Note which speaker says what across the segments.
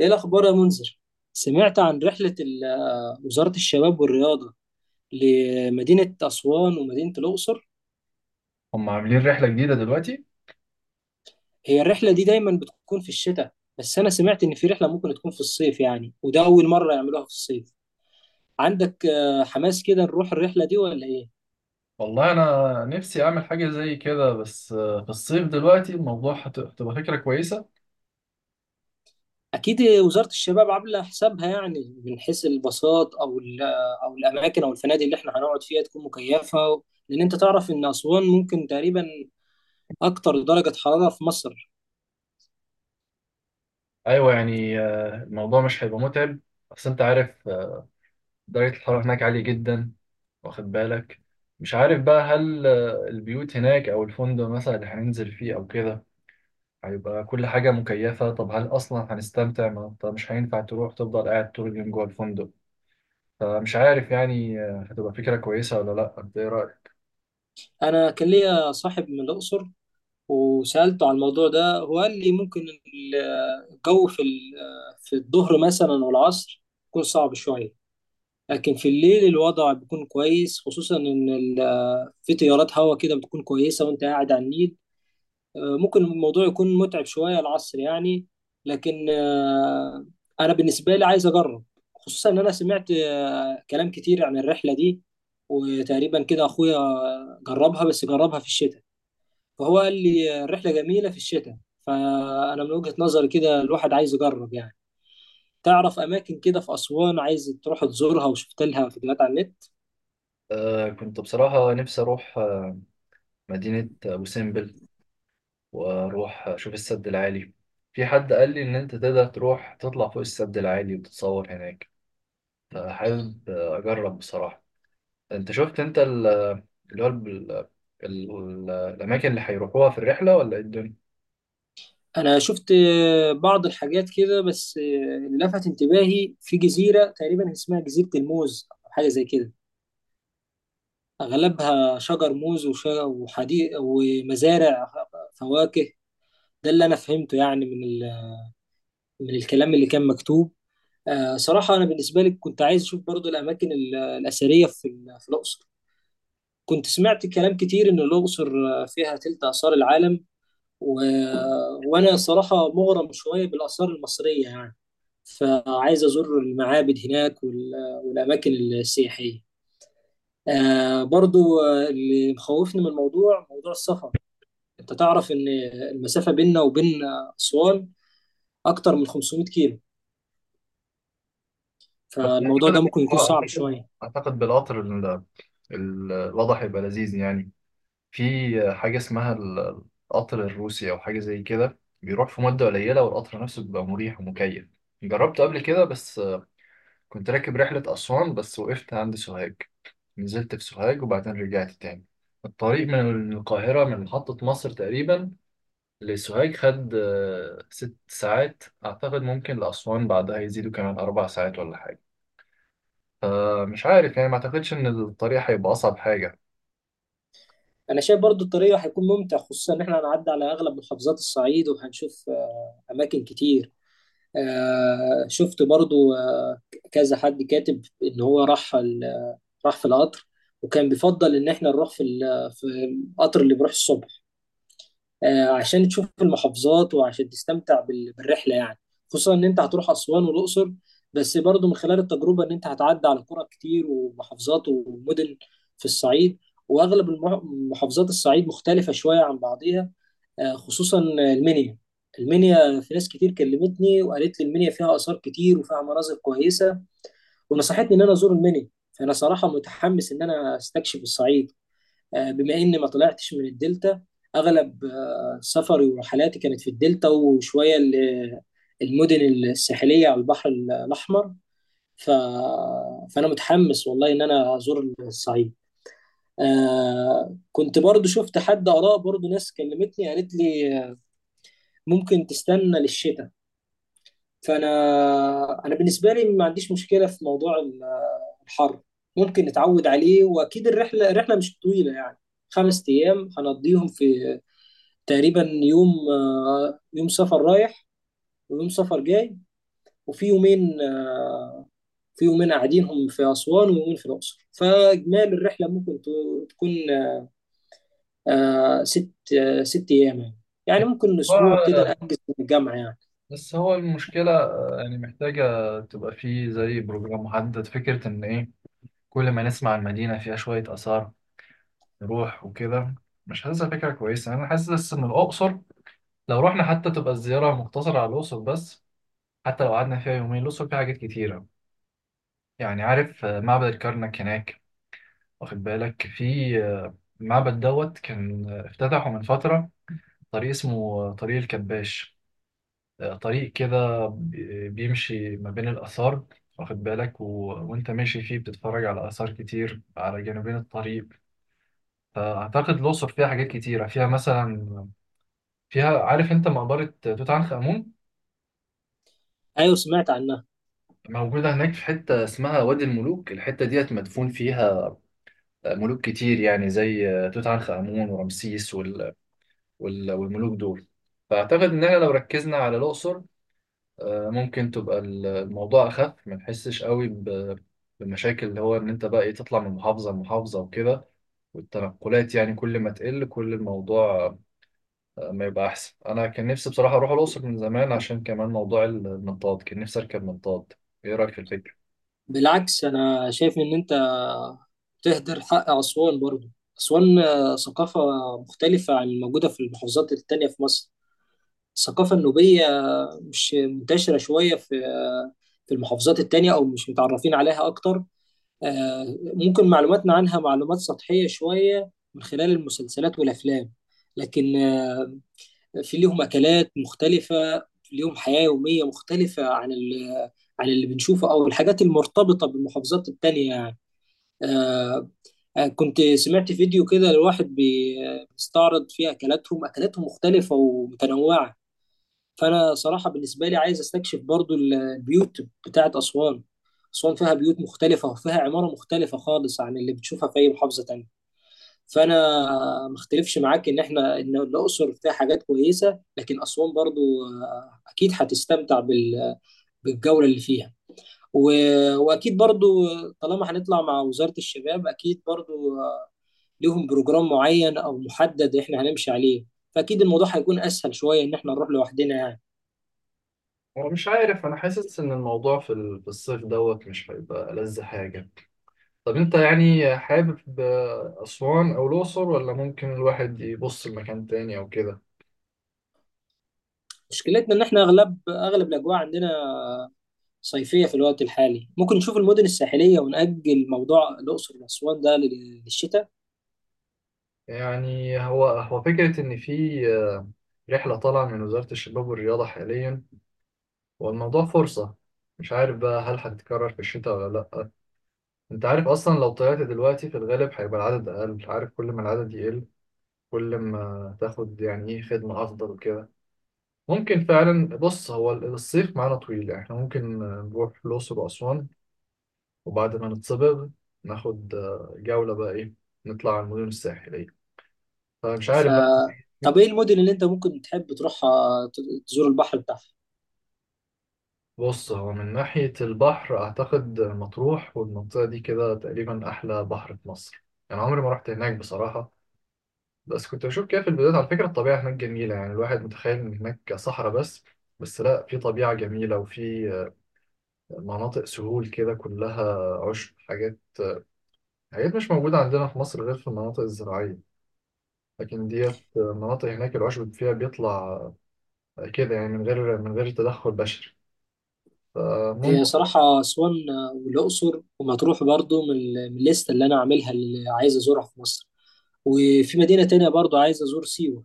Speaker 1: ايه الاخبار يا منذر؟ سمعت عن رحله وزاره الشباب والرياضه لمدينه اسوان ومدينه الاقصر.
Speaker 2: هم عاملين رحلة جديدة دلوقتي.
Speaker 1: هي الرحله دي دايما بتكون في الشتاء، بس انا سمعت ان في رحله ممكن تكون في الصيف، يعني وده اول مره يعملوها في الصيف. عندك حماس كده نروح الرحله دي ولا ايه؟
Speaker 2: والله أنا نفسي أعمل حاجة زي كده، بس في الصيف دلوقتي الموضوع هتبقى فكرة كويسة.
Speaker 1: اكيد وزاره الشباب عامله حسابها، يعني من حيث الباصات او او الاماكن او الفنادق اللي احنا هنقعد فيها تكون مكيفه، لان انت تعرف ان اسوان ممكن تقريبا اكتر درجه حراره في مصر.
Speaker 2: أيوة، يعني الموضوع مش هيبقى متعب. بس أنت عارف، درجة الحرارة هناك عالية جدا، واخد بالك. مش عارف بقى هل البيوت هناك أو الفندق مثلا اللي هننزل فيه أو كده هيبقى كل حاجة مكيفة؟ طب هل أصلا هنستمتع؟ ما أنت مش هينفع تروح تفضل قاعد طول اليوم جوه الفندق. فمش عارف يعني، هتبقى فكرة كويسة ولا لأ؟ أنت إيه رأيك؟
Speaker 1: انا كان ليا صاحب من الاقصر وسالته عن الموضوع ده، هو قال لي ممكن الجو في في الظهر مثلا والعصر يكون صعب شويه، لكن في الليل الوضع بيكون كويس، خصوصا ان في تيارات هواء كده بتكون كويسه وانت قاعد على النيل. ممكن الموضوع يكون متعب شويه العصر، يعني لكن انا بالنسبه لي عايز اجرب، خصوصا ان انا سمعت كلام كتير عن الرحله دي. وتقريبا كده اخويا جربها، بس جربها في الشتاء، فهو قال لي الرحلة جميلة في الشتاء، فأنا من وجهة نظري كده الواحد عايز يجرب، يعني تعرف أماكن كده في أسوان عايز تروح تزورها، وشفت لها فيديوهات على النت.
Speaker 2: كنت بصراحة نفسي أروح مدينة أبو سمبل، وأروح أشوف السد العالي. في حد قال لي إن أنت تقدر تروح تطلع فوق السد العالي وتتصور هناك، فحابب أجرب بصراحة. أنت شفت أنت ال- اللي هو ال- ال- ال- الأماكن اللي هيروحوها في الرحلة، ولا إيه الدنيا؟
Speaker 1: أنا شفت بعض الحاجات كده، بس اللي لفت انتباهي في جزيرة تقريبا اسمها جزيرة الموز أو حاجة زي كده. أغلبها شجر موز وحديق ومزارع فواكه، ده اللي أنا فهمته، يعني من الكلام اللي كان مكتوب. صراحة أنا بالنسبة لي كنت عايز أشوف برضو الأماكن الأثرية في في الأقصر، كنت سمعت كلام كتير إن الأقصر فيها تلت آثار العالم، و... وأنا صراحة مغرم شوية بالآثار المصرية، يعني فعايز أزور المعابد هناك والأماكن السياحية. برضو اللي مخوفني من الموضوع موضوع السفر، أنت تعرف إن المسافة بيننا وبين أسوان أكتر من 500 كيلو،
Speaker 2: بس
Speaker 1: فالموضوع
Speaker 2: أعتقد
Speaker 1: ده ممكن يكون صعب
Speaker 2: أعتقد
Speaker 1: شوية.
Speaker 2: أعتقد بالقطر الوضع هيبقى لذيذ يعني. في حاجة اسمها القطر الروسي أو حاجة زي كده، بيروح في مدة قليلة، والقطر نفسه بيبقى مريح ومكيف. جربته قبل كده، بس كنت راكب رحلة أسوان بس وقفت عند سوهاج. نزلت في سوهاج وبعدين رجعت تاني. الطريق من القاهرة من محطة مصر تقريبا لسوهاج خد 6 ساعات أعتقد. ممكن لأسوان بعدها يزيدوا كمان 4 ساعات ولا حاجة. فمش عارف يعني، ما أعتقدش إن الطريق هيبقى أصعب حاجة.
Speaker 1: انا شايف برضو الطريق هيكون ممتع، خصوصا ان احنا هنعدي على اغلب محافظات الصعيد وهنشوف اماكن كتير. شفت برضو كذا حد كاتب ان هو راح في القطر، وكان بيفضل ان احنا نروح في في القطر اللي بيروح الصبح، عشان تشوف المحافظات وعشان تستمتع بالرحلة، يعني خصوصا ان انت هتروح اسوان والاقصر، بس برضو من خلال التجربة ان انت هتعدي على قرى كتير ومحافظات ومدن في الصعيد، واغلب محافظات الصعيد مختلفة شوية عن بعضيها. خصوصا المنيا. المنيا في ناس كتير كلمتني وقالت لي المنيا فيها آثار كتير وفيها مناظر كويسة، ونصحتني ان انا ازور المنيا، فانا صراحة متحمس ان انا استكشف الصعيد. بما اني ما طلعتش من الدلتا، اغلب سفري ورحلاتي كانت في الدلتا، وشويه المدن الساحليه على البحر الاحمر، ف... فانا متحمس والله ان انا ازور الصعيد. كنت برضو شفت حد اراء، برضو ناس كلمتني قالت لي ممكن تستنى للشتاء. فانا بالنسبه لي ما عنديش مشكله في موضوع الحر، ممكن نتعود عليه، واكيد الرحله مش طويله، يعني 5 ايام هنقضيهم في تقريبا يوم يوم سفر رايح ويوم سفر جاي. وفي يومين قاعدينهم في أسوان ويومين في الأقصر، فإجمالي الرحلة ممكن تكون آه، ست 6 أيام، يعني يعني ممكن أسبوع كده نأجز من الجامعة، يعني.
Speaker 2: بس هو المشكلة، يعني محتاجة تبقى فيه زي بروجرام محدد. فكرة إن إيه، كل ما نسمع المدينة فيها شوية آثار نروح وكده، مش حاسسها فكرة كويسة. أنا حاسس إن الأقصر لو رحنا حتى تبقى الزيارة مقتصرة على الأقصر بس. حتى لو قعدنا فيها يومين، الأقصر فيها حاجات كتيرة. يعني عارف معبد الكرنك هناك، واخد بالك. في آه، المعبد دوت كان افتتحه من فترة، طريق اسمه طريق الكباش. طريق كده بيمشي ما بين الآثار، واخد بالك، وأنت ماشي فيه بتتفرج على آثار كتير على جانبين الطريق. فأعتقد الأقصر فيها حاجات كتيرة، فيها مثلا، فيها عارف أنت مقبرة توت عنخ آمون
Speaker 1: أيوة سمعت عنها.
Speaker 2: موجودة هناك في حتة اسمها وادي الملوك. الحتة ديت مدفون فيها ملوك كتير، يعني زي توت عنخ آمون ورمسيس والملوك دول. فأعتقد إن احنا لو ركزنا على الأقصر، ممكن تبقى الموضوع أخف، ما تحسش قوي بمشاكل اللي هو إن أنت بقى إيه تطلع من محافظة لمحافظة وكده. والتنقلات يعني، كل ما تقل كل الموضوع ما يبقى أحسن. أنا كان نفسي بصراحة أروح الأقصر من زمان، عشان كمان موضوع المنطاد كان نفسي أركب منطاد. إيه رأيك في الفكرة؟
Speaker 1: بالعكس أنا شايف إن أنت تهدر حق أسوان برضه، أسوان ثقافة مختلفة عن الموجودة في المحافظات التانية في مصر، الثقافة النوبية مش منتشرة شوية في المحافظات التانية أو مش متعرفين عليها أكتر، ممكن معلوماتنا عنها معلومات سطحية شوية من خلال المسلسلات والأفلام، لكن في ليهم أكلات مختلفة، في ليهم حياة يومية مختلفة عن عن اللي بنشوفه أو الحاجات المرتبطة بالمحافظات التانية، يعني. آه، كنت سمعت فيديو كده لواحد بيستعرض فيه أكلاتهم، أكلاتهم مختلفة ومتنوعة. فانا صراحه بالنسبه لي عايز استكشف برضو البيوت بتاعت اسوان، اسوان فيها بيوت مختلفه وفيها عماره مختلفه خالص عن اللي بتشوفها في اي محافظه تانية، فانا ما اختلفش معاك ان الاقصر فيها حاجات كويسه، لكن اسوان برضو اكيد هتستمتع بالجوله اللي فيها، واكيد برضو طالما هنطلع مع وزاره الشباب اكيد برضو ليهم بروجرام معين او محدد احنا هنمشي عليه، فاكيد الموضوع هيكون اسهل شويه ان احنا نروح لوحدنا، يعني
Speaker 2: هو مش عارف، أنا حاسس إن الموضوع في في الصيف دوت مش هيبقى ألذ حاجة. طب أنت يعني حابب أسوان أو الأقصر، ولا ممكن الواحد يبص لمكان تاني أو كده؟
Speaker 1: مشكلتنا ان احنا اغلب الاجواء عندنا صيفيه في الوقت الحالي، ممكن نشوف المدن الساحليه ونأجل موضوع الاقصر واسوان ده للشتاء.
Speaker 2: يعني هو فكرة إن في رحلة طالعة من وزارة الشباب والرياضة حاليا، والموضوع فرصة. مش عارف بقى هل هتتكرر في الشتاء ولا لأ. أنت عارف أصلا لو طلعت دلوقتي في الغالب هيبقى العدد أقل. عارف كل ما العدد يقل، كل ما تاخد يعني إيه خدمة أفضل وكده. ممكن فعلا، بص، هو الصيف معانا طويل يعني، إحنا ممكن نروح الأقصر وأسوان، وبعد ما نتصبغ ناخد جولة بقى إيه، نطلع على المدن الساحلية. فمش
Speaker 1: ف
Speaker 2: عارف بقى.
Speaker 1: طب ايه المدن اللي انت ممكن تحب تروحها تزور البحر بتاعها؟
Speaker 2: بص، هو من ناحية البحر أعتقد مطروح والمنطقة دي كده تقريبا أحلى بحر في مصر. أنا عمري ما رحت هناك بصراحة، بس كنت بشوف كده في الفيديوهات. على فكرة، الطبيعة هناك جميلة، يعني الواحد متخيل إن هناك صحراء بس، بس لا، في طبيعة جميلة، وفي مناطق سهول كده كلها عشب، حاجات، حاجات مش موجودة عندنا في مصر غير في المناطق الزراعية، لكن ديت مناطق هناك العشب فيها بيطلع كده، يعني من غير تدخل بشري.
Speaker 1: هي
Speaker 2: فممكن
Speaker 1: صراحه اسوان والاقصر ومطروح برضو من من الليسته اللي انا عاملها اللي عايز ازورها في مصر، وفي مدينه تانية برضو عايز ازور سيوه،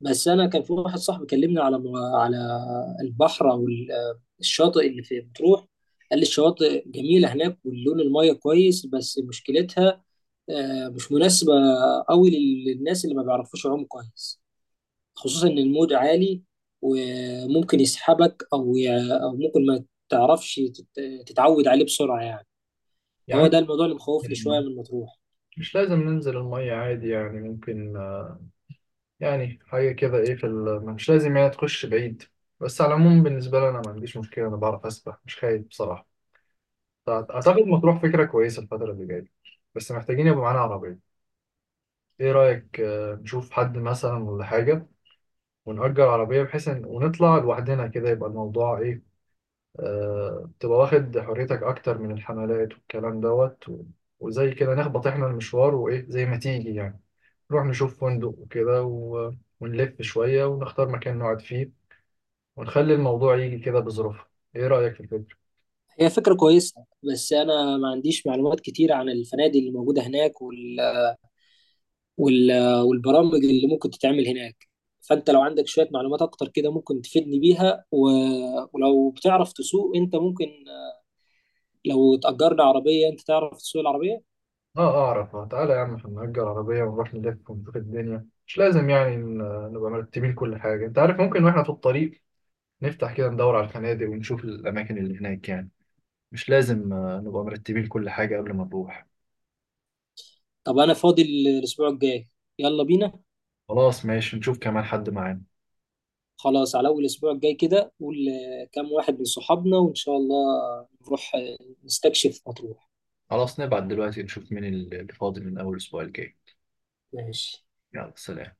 Speaker 1: بس انا كان في واحد صاحبي كلمني على على البحر او الشاطئ اللي في مطروح. قال لي الشواطئ جميله هناك واللون الميه كويس، بس مشكلتها مش مناسبه قوي للناس اللي ما بيعرفوش يعوموا كويس، خصوصا ان الموج عالي وممكن يسحبك او او ممكن ما تعرفش تتعود عليه بسرعه، يعني هو ده
Speaker 2: يعني،
Speaker 1: الموضوع اللي مخوفني شويه من مطروح.
Speaker 2: مش لازم ننزل المية عادي، يعني ممكن يعني حاجة كده إيه مش لازم يعني تخش بعيد. بس على العموم بالنسبة لي أنا ما عنديش مشكلة، أنا بعرف أسبح مش خايف بصراحة. أعتقد مطروح فكرة كويسة الفترة اللي جاية. بس محتاجين يبقى معانا عربية. إيه رأيك نشوف حد مثلا ولا حاجة، ونأجر عربية، بحيث إن ونطلع لوحدنا كده يبقى الموضوع إيه، تبقى واخد حريتك أكتر من الحملات والكلام دوت، وزي كده نخبط إحنا المشوار وإيه زي ما تيجي يعني. نروح نشوف فندق وكده، ونلف شوية ونختار مكان نقعد فيه، ونخلي الموضوع يجي كده بظروفها. إيه رأيك في الفكرة؟
Speaker 1: هي فكره كويسه، بس انا ما عنديش معلومات كتير عن الفنادق اللي موجوده هناك والبرامج اللي ممكن تتعمل هناك، فانت لو عندك شوية معلومات اكتر كده ممكن تفيدني بيها، ولو بتعرف تسوق انت ممكن لو تأجرنا عربية، انت تعرف تسوق العربية؟
Speaker 2: آه أعرف، تعالى يا عم، إحنا نأجر عربية ونروح نلف ونشوف الدنيا. مش لازم يعني نبقى مرتبين كل حاجة. أنت عارف، ممكن وإحنا في الطريق نفتح كده ندور على الفنادق ونشوف الأماكن اللي هناك يعني. مش لازم نبقى مرتبين كل حاجة قبل ما نروح.
Speaker 1: طب انا فاضي الاسبوع الجاي، يلا بينا.
Speaker 2: خلاص، ماشي، نشوف كمان حد معانا.
Speaker 1: خلاص على اول الاسبوع الجاي كده قول كام واحد من صحابنا، وان شاء الله نروح نستكشف مطروح،
Speaker 2: خلاص، نبعت دلوقتي نشوف مين اللي فاضي من أول الأسبوع الجاي.
Speaker 1: ماشي.
Speaker 2: يلا سلام.